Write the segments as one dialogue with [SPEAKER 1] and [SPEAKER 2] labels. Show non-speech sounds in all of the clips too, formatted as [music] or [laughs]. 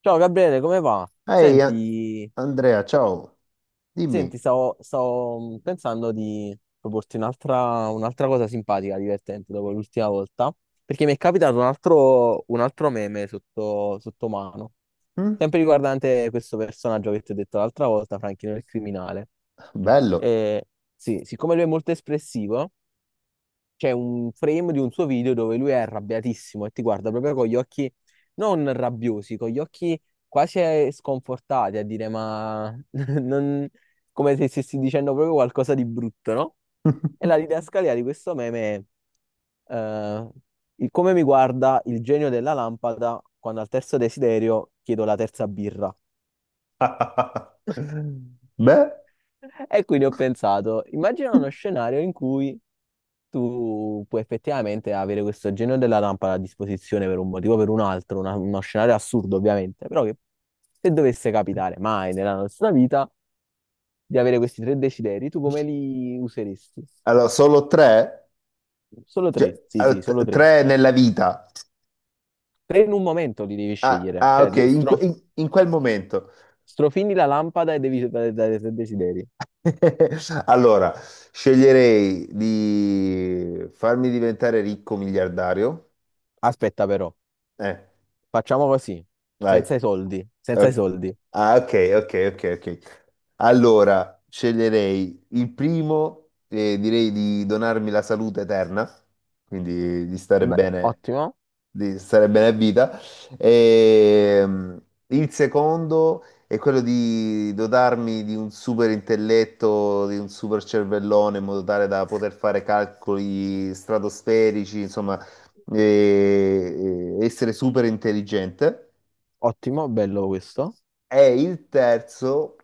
[SPEAKER 1] Ciao Gabriele, come va?
[SPEAKER 2] Ehi
[SPEAKER 1] Senti,
[SPEAKER 2] Andrea, ciao,
[SPEAKER 1] senti,
[SPEAKER 2] dimmi.
[SPEAKER 1] stavo pensando di proporti un'altra cosa simpatica, divertente dopo l'ultima volta, perché mi è capitato un altro meme sotto mano,
[SPEAKER 2] Mm?
[SPEAKER 1] sempre riguardante questo personaggio che ti ho detto l'altra volta, Franchino il criminale.
[SPEAKER 2] Bello.
[SPEAKER 1] E, sì, siccome lui è molto espressivo, c'è un frame di un suo video dove lui è arrabbiatissimo e ti guarda proprio con gli occhi non rabbiosi, con gli occhi quasi sconfortati a dire ma [laughs] non- come se stessi dicendo proprio qualcosa di brutto, no? E la didascalia di questo meme è il come mi guarda il genio della lampada quando al terzo desiderio chiedo la terza birra.
[SPEAKER 2] [laughs] Beh,
[SPEAKER 1] E quindi ho pensato, immagina uno scenario in cui tu puoi effettivamente avere questo genio della lampada a disposizione per un motivo o per un altro, uno scenario assurdo ovviamente, però che se dovesse capitare mai nella nostra vita di avere questi tre desideri, tu come li useresti?
[SPEAKER 2] allora solo tre?
[SPEAKER 1] Solo
[SPEAKER 2] Cioè,
[SPEAKER 1] tre, sì, sì, solo tre.
[SPEAKER 2] tre nella vita.
[SPEAKER 1] Tre in un momento li devi
[SPEAKER 2] Ah,
[SPEAKER 1] scegliere,
[SPEAKER 2] ah,
[SPEAKER 1] cioè
[SPEAKER 2] ok, in quel momento.
[SPEAKER 1] strofini la lampada e devi dare tre desideri.
[SPEAKER 2] [laughs] Allora, sceglierei di farmi diventare ricco miliardario.
[SPEAKER 1] Aspetta però,
[SPEAKER 2] Eh,
[SPEAKER 1] facciamo così,
[SPEAKER 2] vai.
[SPEAKER 1] senza i soldi, senza i
[SPEAKER 2] Ok.
[SPEAKER 1] soldi.
[SPEAKER 2] Ah, ok, ok. Allora, sceglierei il primo e direi di donarmi la salute eterna, quindi
[SPEAKER 1] Beh, ottimo,
[SPEAKER 2] di stare bene a vita. E, il secondo è quello di dotarmi di un super intelletto, di un super cervellone, in modo tale da poter fare calcoli stratosferici, insomma, e essere super intelligente
[SPEAKER 1] ottimo, bello questo.
[SPEAKER 2] è il terzo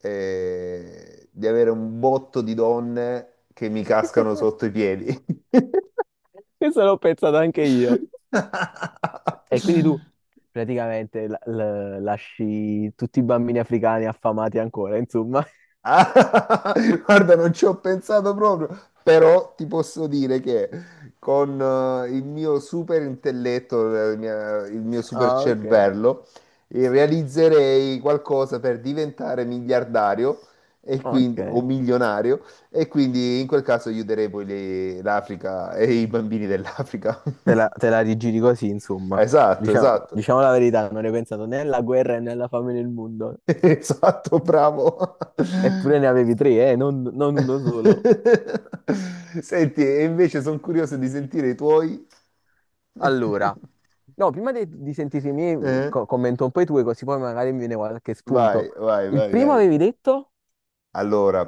[SPEAKER 2] di avere un botto di donne che mi cascano
[SPEAKER 1] [laughs]
[SPEAKER 2] sotto i piedi.
[SPEAKER 1] Questo l'ho pensato anche io.
[SPEAKER 2] [laughs]
[SPEAKER 1] E quindi tu praticamente lasci tutti i bambini africani affamati ancora, insomma. [laughs]
[SPEAKER 2] Ah, [laughs] guarda, non ci ho pensato proprio, però ti posso dire che con il mio super intelletto, il mio super
[SPEAKER 1] Ah, ok,
[SPEAKER 2] cervello, realizzerei qualcosa per diventare miliardario e
[SPEAKER 1] ok.
[SPEAKER 2] quindi, o milionario, e quindi in quel caso aiuterei poi l'Africa e i bambini dell'Africa.
[SPEAKER 1] Te la,
[SPEAKER 2] [laughs]
[SPEAKER 1] te la rigiri così, insomma.
[SPEAKER 2] Esatto,
[SPEAKER 1] Diciamo,
[SPEAKER 2] esatto,
[SPEAKER 1] diciamo la verità, non hai pensato né alla guerra né alla fame nel mondo.
[SPEAKER 2] [laughs] esatto, bravo.
[SPEAKER 1] Eppure ne avevi tre, non uno solo.
[SPEAKER 2] [laughs] Senti, e invece sono curioso di sentire i tuoi.
[SPEAKER 1] Allora,
[SPEAKER 2] [laughs]
[SPEAKER 1] no, prima di sentire i miei,
[SPEAKER 2] Eh?
[SPEAKER 1] commento un po' i tuoi, così poi magari mi viene qualche spunto. Il primo
[SPEAKER 2] Vai.
[SPEAKER 1] avevi detto?
[SPEAKER 2] Allora,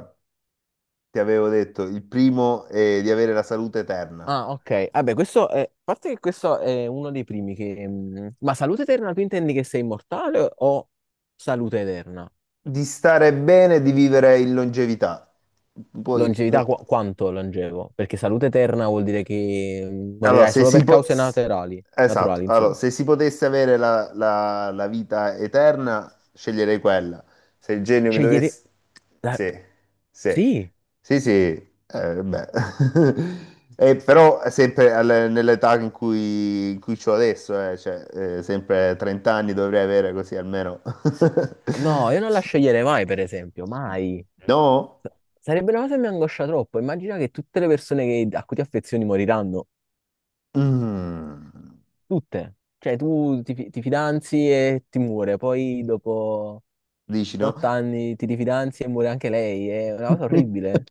[SPEAKER 2] ti avevo detto, il primo è di avere la salute eterna,
[SPEAKER 1] Ah, ok. Vabbè, questo è. A parte che questo è uno dei primi che. Ma salute eterna, tu intendi che sei immortale o salute eterna?
[SPEAKER 2] di stare bene e di vivere in longevità. Poi,
[SPEAKER 1] Longevità,
[SPEAKER 2] no.
[SPEAKER 1] quanto longevo? Perché salute eterna vuol dire che
[SPEAKER 2] Allora,
[SPEAKER 1] morirai
[SPEAKER 2] se
[SPEAKER 1] solo
[SPEAKER 2] si
[SPEAKER 1] per
[SPEAKER 2] po-
[SPEAKER 1] cause
[SPEAKER 2] s-
[SPEAKER 1] naturali,
[SPEAKER 2] esatto,
[SPEAKER 1] naturali,
[SPEAKER 2] allora,
[SPEAKER 1] insomma.
[SPEAKER 2] se si potesse avere la vita eterna, sceglierei quella. Se il genio mi
[SPEAKER 1] Scegliere.
[SPEAKER 2] dovesse...
[SPEAKER 1] la-
[SPEAKER 2] Sì, sì,
[SPEAKER 1] Sì,
[SPEAKER 2] sì, sì, beh. [laughs] Però è sempre nell'età in cui c'ho adesso, cioè, sempre 30 anni dovrei avere così almeno. [laughs]
[SPEAKER 1] no, io non la sceglierei mai, per esempio, mai.
[SPEAKER 2] No?
[SPEAKER 1] S- Sarebbe una cosa che mi angoscia troppo. Immagina che tutte le persone a cui ti affezioni moriranno,
[SPEAKER 2] Mm.
[SPEAKER 1] tutte. Cioè, tu ti fidanzi e ti muore, poi dopo
[SPEAKER 2] Dici no?
[SPEAKER 1] 8 anni, ti rifidanzi e muore anche lei, è una cosa
[SPEAKER 2] [laughs]
[SPEAKER 1] orribile.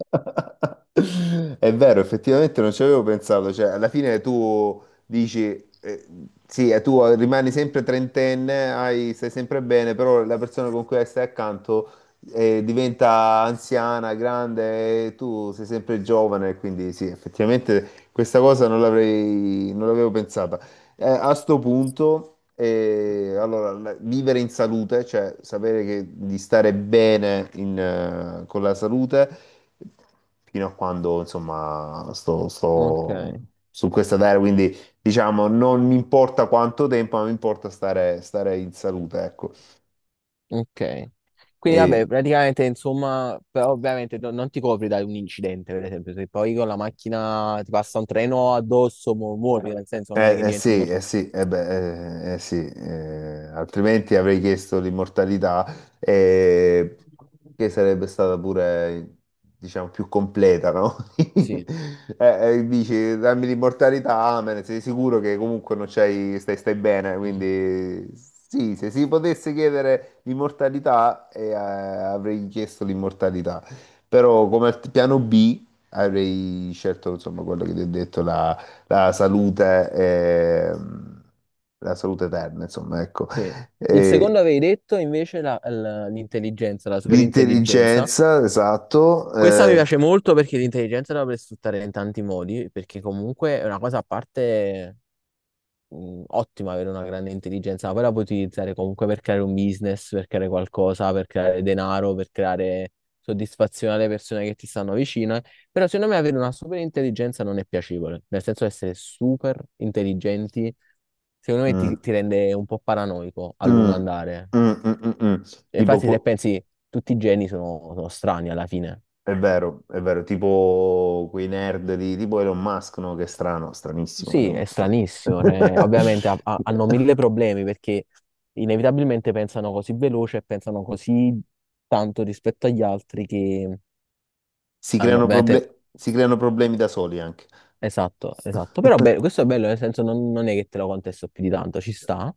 [SPEAKER 2] È vero, effettivamente non ci avevo pensato, cioè alla fine tu dici, eh, sì, tu rimani sempre trentenne, stai sempre bene, però la persona con cui stai accanto diventa anziana, grande e tu sei sempre giovane, quindi sì, effettivamente questa cosa non l'avrei, non l'avevo pensato. A sto punto, allora, vivere in salute, cioè sapere di stare bene in, con la salute, fino a quando, insomma,
[SPEAKER 1] Ok,
[SPEAKER 2] sto su questa terra, quindi diciamo, non mi importa quanto tempo, ma mi importa stare in salute,
[SPEAKER 1] ok. Quindi
[SPEAKER 2] ecco.
[SPEAKER 1] vabbè, praticamente insomma, però ovviamente non ti copri da un incidente, per esempio, se poi con la macchina ti passa un treno addosso, muori, nel senso non è che
[SPEAKER 2] Eh, eh
[SPEAKER 1] diventi
[SPEAKER 2] sì, eh
[SPEAKER 1] immortale.
[SPEAKER 2] sì, eh beh, eh sì, altrimenti avrei chiesto l'immortalità, eh, che sarebbe stata pure, diciamo, più completa, no? [laughs]
[SPEAKER 1] Sì.
[SPEAKER 2] Eh, dici, dammi l'immortalità, amen, sei sicuro che comunque non c'hai, stai bene,
[SPEAKER 1] Mm.
[SPEAKER 2] quindi sì, se si potesse chiedere l'immortalità, avrei chiesto l'immortalità, però come piano B avrei scelto, insomma, quello che ti ho detto, la salute, eh, la salute eterna, insomma, ecco.
[SPEAKER 1] Sì. Il secondo
[SPEAKER 2] E
[SPEAKER 1] avevi detto invece l'intelligenza, la superintelligenza.
[SPEAKER 2] l'intelligenza, esatto.
[SPEAKER 1] Questa mi piace molto perché l'intelligenza la puoi sfruttare in tanti modi, perché comunque è una cosa a parte ottimo avere una grande intelligenza, ma poi la puoi utilizzare comunque per creare un business, per creare qualcosa, per creare denaro, per creare soddisfazione alle persone che ti stanno vicine. Però secondo me avere una super intelligenza non è piacevole, nel senso essere super intelligenti, secondo me ti,
[SPEAKER 2] Mm,
[SPEAKER 1] ti rende un po' paranoico a
[SPEAKER 2] mm,
[SPEAKER 1] lungo andare.
[SPEAKER 2] mm, mm, mm, mm. mm.
[SPEAKER 1] E
[SPEAKER 2] Tipo,
[SPEAKER 1] infatti se
[SPEAKER 2] pu-
[SPEAKER 1] pensi, tutti i geni sono strani alla fine.
[SPEAKER 2] è vero, tipo quei nerd di tipo Elon Musk, no? Che è strano, stranissimo.
[SPEAKER 1] Sì, è
[SPEAKER 2] Cioè.
[SPEAKER 1] stranissimo, cioè, ovviamente hanno
[SPEAKER 2] [laughs]
[SPEAKER 1] mille problemi perché inevitabilmente pensano così veloce e pensano così tanto rispetto agli altri che hanno veramente.
[SPEAKER 2] Si creano problemi da soli anche.
[SPEAKER 1] Esatto, esatto. Però beh,
[SPEAKER 2] [laughs]
[SPEAKER 1] questo è bello, nel senso non è che te lo contesto più di tanto, ci sta.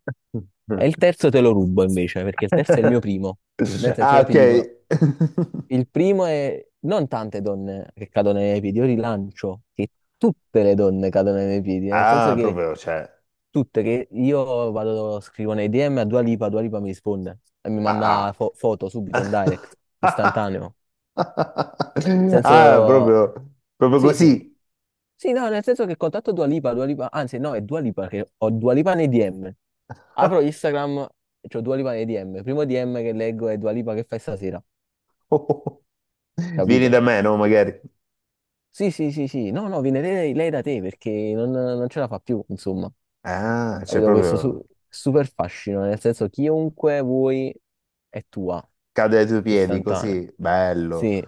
[SPEAKER 1] E il terzo te lo rubo invece, perché il terzo è il mio primo. Nel senso
[SPEAKER 2] Ah,
[SPEAKER 1] io ti
[SPEAKER 2] ok.
[SPEAKER 1] dico,
[SPEAKER 2] [laughs]
[SPEAKER 1] il primo è non tante donne che cadono nei miei piedi, io rilancio che tutte le donne cadono nei miei piedi, nel senso
[SPEAKER 2] Ah,
[SPEAKER 1] che.
[SPEAKER 2] proprio, cioè,
[SPEAKER 1] Tutte che io vado, scrivo nei DM a Dua Lipa, Dua Lipa mi risponde e mi manda
[SPEAKER 2] ah.
[SPEAKER 1] foto subito in direct,
[SPEAKER 2] Ah,
[SPEAKER 1] istantaneo.
[SPEAKER 2] [laughs] ah,
[SPEAKER 1] Senso,
[SPEAKER 2] proprio, proprio
[SPEAKER 1] sì, sì,
[SPEAKER 2] così.
[SPEAKER 1] sì, no, nel senso che contatto Dua Lipa, Dua Lipa, anzi, no, è Dua Lipa che ho Dua Lipa nei DM. Apro Instagram, c'ho Dua Lipa nei DM. Primo DM che leggo è Dua Lipa che fai stasera,
[SPEAKER 2] [laughs] Vieni da
[SPEAKER 1] capito?
[SPEAKER 2] me, no? Magari.
[SPEAKER 1] Sì, sì, sì, sì, no, no, viene lei, da te perché non ce la fa più, insomma,
[SPEAKER 2] Ah, cioè
[SPEAKER 1] capito? Questo
[SPEAKER 2] proprio
[SPEAKER 1] super fascino, nel senso, chiunque vuoi è tua.
[SPEAKER 2] cade ai tuoi piedi
[SPEAKER 1] Istantaneo.
[SPEAKER 2] così, bello.
[SPEAKER 1] Sì,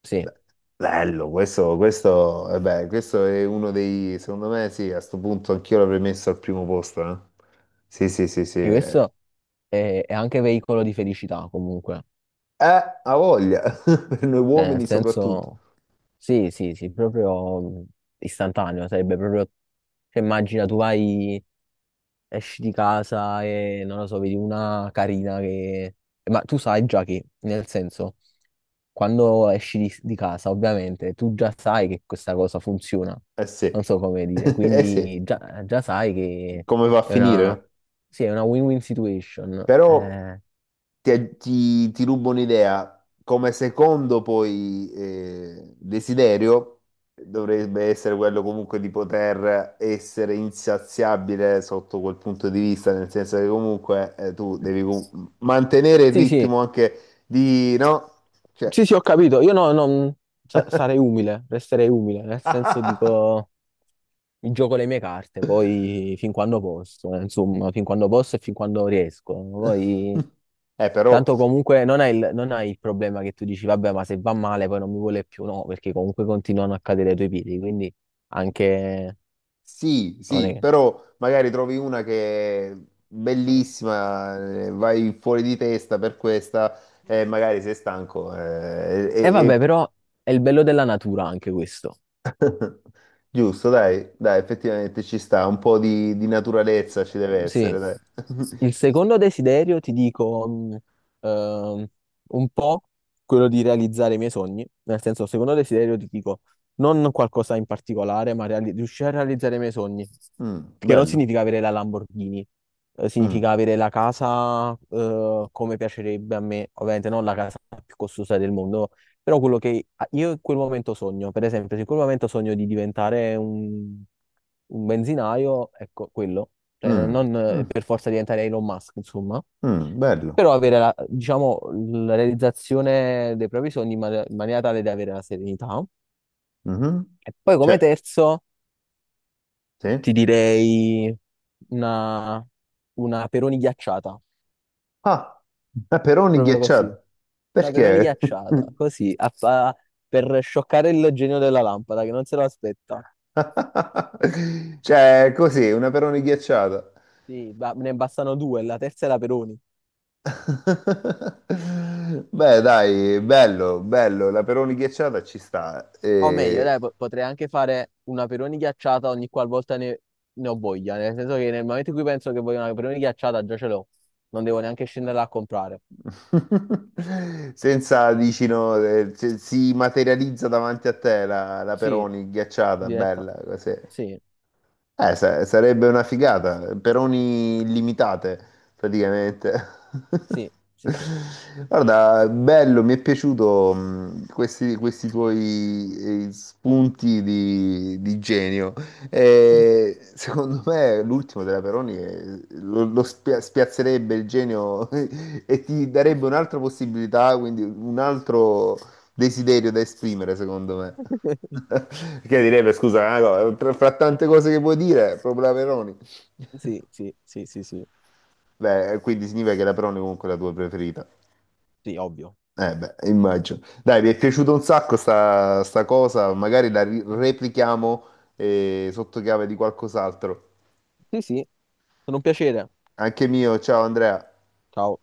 [SPEAKER 1] sì.
[SPEAKER 2] Be- Bello, questo, eh beh, questo è uno dei, secondo me sì, a sto punto anch'io l'avrei messo al primo posto. Eh. Sì, sì, sì.
[SPEAKER 1] Sì, questo è anche veicolo di felicità comunque.
[SPEAKER 2] Eh, ha voglia, [laughs] per noi
[SPEAKER 1] Cioè,
[SPEAKER 2] uomini
[SPEAKER 1] nel
[SPEAKER 2] soprattutto.
[SPEAKER 1] senso, sì, sì, sì, proprio istantaneo. Sarebbe proprio, cioè, immagina tu vai esci di casa e non lo so, vedi una carina che. Ma tu sai già che, nel senso, quando esci di casa, ovviamente, tu già sai che questa cosa funziona.
[SPEAKER 2] Eh sì,
[SPEAKER 1] Non so come dire,
[SPEAKER 2] [laughs] eh sì,
[SPEAKER 1] quindi già sai che
[SPEAKER 2] come va a
[SPEAKER 1] è
[SPEAKER 2] finire?
[SPEAKER 1] una,
[SPEAKER 2] No?
[SPEAKER 1] sì, è una win-win situation.
[SPEAKER 2] Però... ti rubo un'idea. Come secondo poi desiderio dovrebbe essere quello comunque di poter essere insaziabile sotto quel punto di vista, nel senso che comunque tu devi mantenere il
[SPEAKER 1] Sì, sì,
[SPEAKER 2] ritmo anche di, no? Cioè...
[SPEAKER 1] sì, sì, ho capito. Io no, non sarei umile, resterei umile, nel senso
[SPEAKER 2] [laughs]
[SPEAKER 1] dico. Mi gioco le mie carte, poi fin quando posso, insomma, fin quando posso e fin quando riesco. Poi,
[SPEAKER 2] Però
[SPEAKER 1] tanto comunque non hai il problema che tu dici, vabbè, ma se va male poi non mi vuole più, no, perché comunque continuano a cadere i tuoi piedi, quindi anche.
[SPEAKER 2] sì,
[SPEAKER 1] Non è.
[SPEAKER 2] sì, però magari trovi una che è bellissima, vai fuori di testa per questa e magari sei stanco. Eh,
[SPEAKER 1] E vabbè, però è il bello della natura anche questo.
[SPEAKER 2] giusto, dai, effettivamente ci sta, un po' di naturalezza ci deve
[SPEAKER 1] Sì.
[SPEAKER 2] essere, dai. [laughs]
[SPEAKER 1] Il secondo desiderio, ti dico, ehm, un po' quello di realizzare i miei sogni. Nel senso, il secondo desiderio, ti dico, non qualcosa in particolare, ma riuscire a realizzare i miei sogni.
[SPEAKER 2] Mm,
[SPEAKER 1] Che non
[SPEAKER 2] bello.
[SPEAKER 1] significa avere la Lamborghini,
[SPEAKER 2] Mm,
[SPEAKER 1] significa avere la casa, come piacerebbe a me. Ovviamente non la casa più costosa del mondo, però quello che io in quel momento sogno. Per esempio, se in quel momento sogno di diventare un benzinaio, ecco, quello cioè
[SPEAKER 2] mm,
[SPEAKER 1] non
[SPEAKER 2] mm,
[SPEAKER 1] per forza diventare Elon Musk, insomma,
[SPEAKER 2] mm, bello.
[SPEAKER 1] però avere la, diciamo, la realizzazione dei propri sogni in, in maniera tale da avere la serenità.
[SPEAKER 2] Mhm.
[SPEAKER 1] E poi come
[SPEAKER 2] Cioè,
[SPEAKER 1] terzo
[SPEAKER 2] sì.
[SPEAKER 1] ti direi una, una Peroni ghiacciata,
[SPEAKER 2] Ah, peperoni
[SPEAKER 1] proprio così,
[SPEAKER 2] ghiacciati.
[SPEAKER 1] una Peroni
[SPEAKER 2] Perché?
[SPEAKER 1] ghiacciata, così, per scioccare il genio della lampada che non se lo aspetta.
[SPEAKER 2] [laughs] Cioè, così, una peroni ghiacciata.
[SPEAKER 1] Sì, ne bastano due, la terza è la Peroni.
[SPEAKER 2] [laughs] Beh, dai, bello, la peroni ghiacciata ci sta.
[SPEAKER 1] O meglio,
[SPEAKER 2] E...
[SPEAKER 1] dai, potrei anche fare una peroni ghiacciata ogni qualvolta ne ho voglia, nel senso che nel momento in cui penso che voglio una peroni ghiacciata già ce l'ho, non devo neanche scendere a comprare.
[SPEAKER 2] [laughs] Senza, dici, no, si materializza davanti a te la
[SPEAKER 1] Sì,
[SPEAKER 2] peroni ghiacciata,
[SPEAKER 1] diretta.
[SPEAKER 2] bella, così.
[SPEAKER 1] Sì,
[SPEAKER 2] Sarebbe una figata, peroni illimitate praticamente.
[SPEAKER 1] sì, sì, sì,
[SPEAKER 2] [laughs] Guarda, bello, mi è piaciuto questi tuoi spunti di genio. E secondo me l'ultimo della Peroni lo spiazzerebbe il genio [laughs] e ti darebbe un'altra possibilità, quindi un altro desiderio da esprimere, secondo me.
[SPEAKER 1] [laughs]
[SPEAKER 2] [laughs] Che direbbe, scusa, ah, no, fra tante cose che vuoi dire, proprio la Peroni.
[SPEAKER 1] sì, sì, sì, sì, sì,
[SPEAKER 2] Beh, quindi significa che la Peroni comunque è la tua preferita.
[SPEAKER 1] sì, ovvio.
[SPEAKER 2] Eh beh, immagino. Dai, mi è piaciuta un sacco sta cosa, magari la replichiamo sotto chiave di qualcos'altro.
[SPEAKER 1] Sì, sì, sono un piacere.
[SPEAKER 2] Anche mio, ciao Andrea.
[SPEAKER 1] Ciao.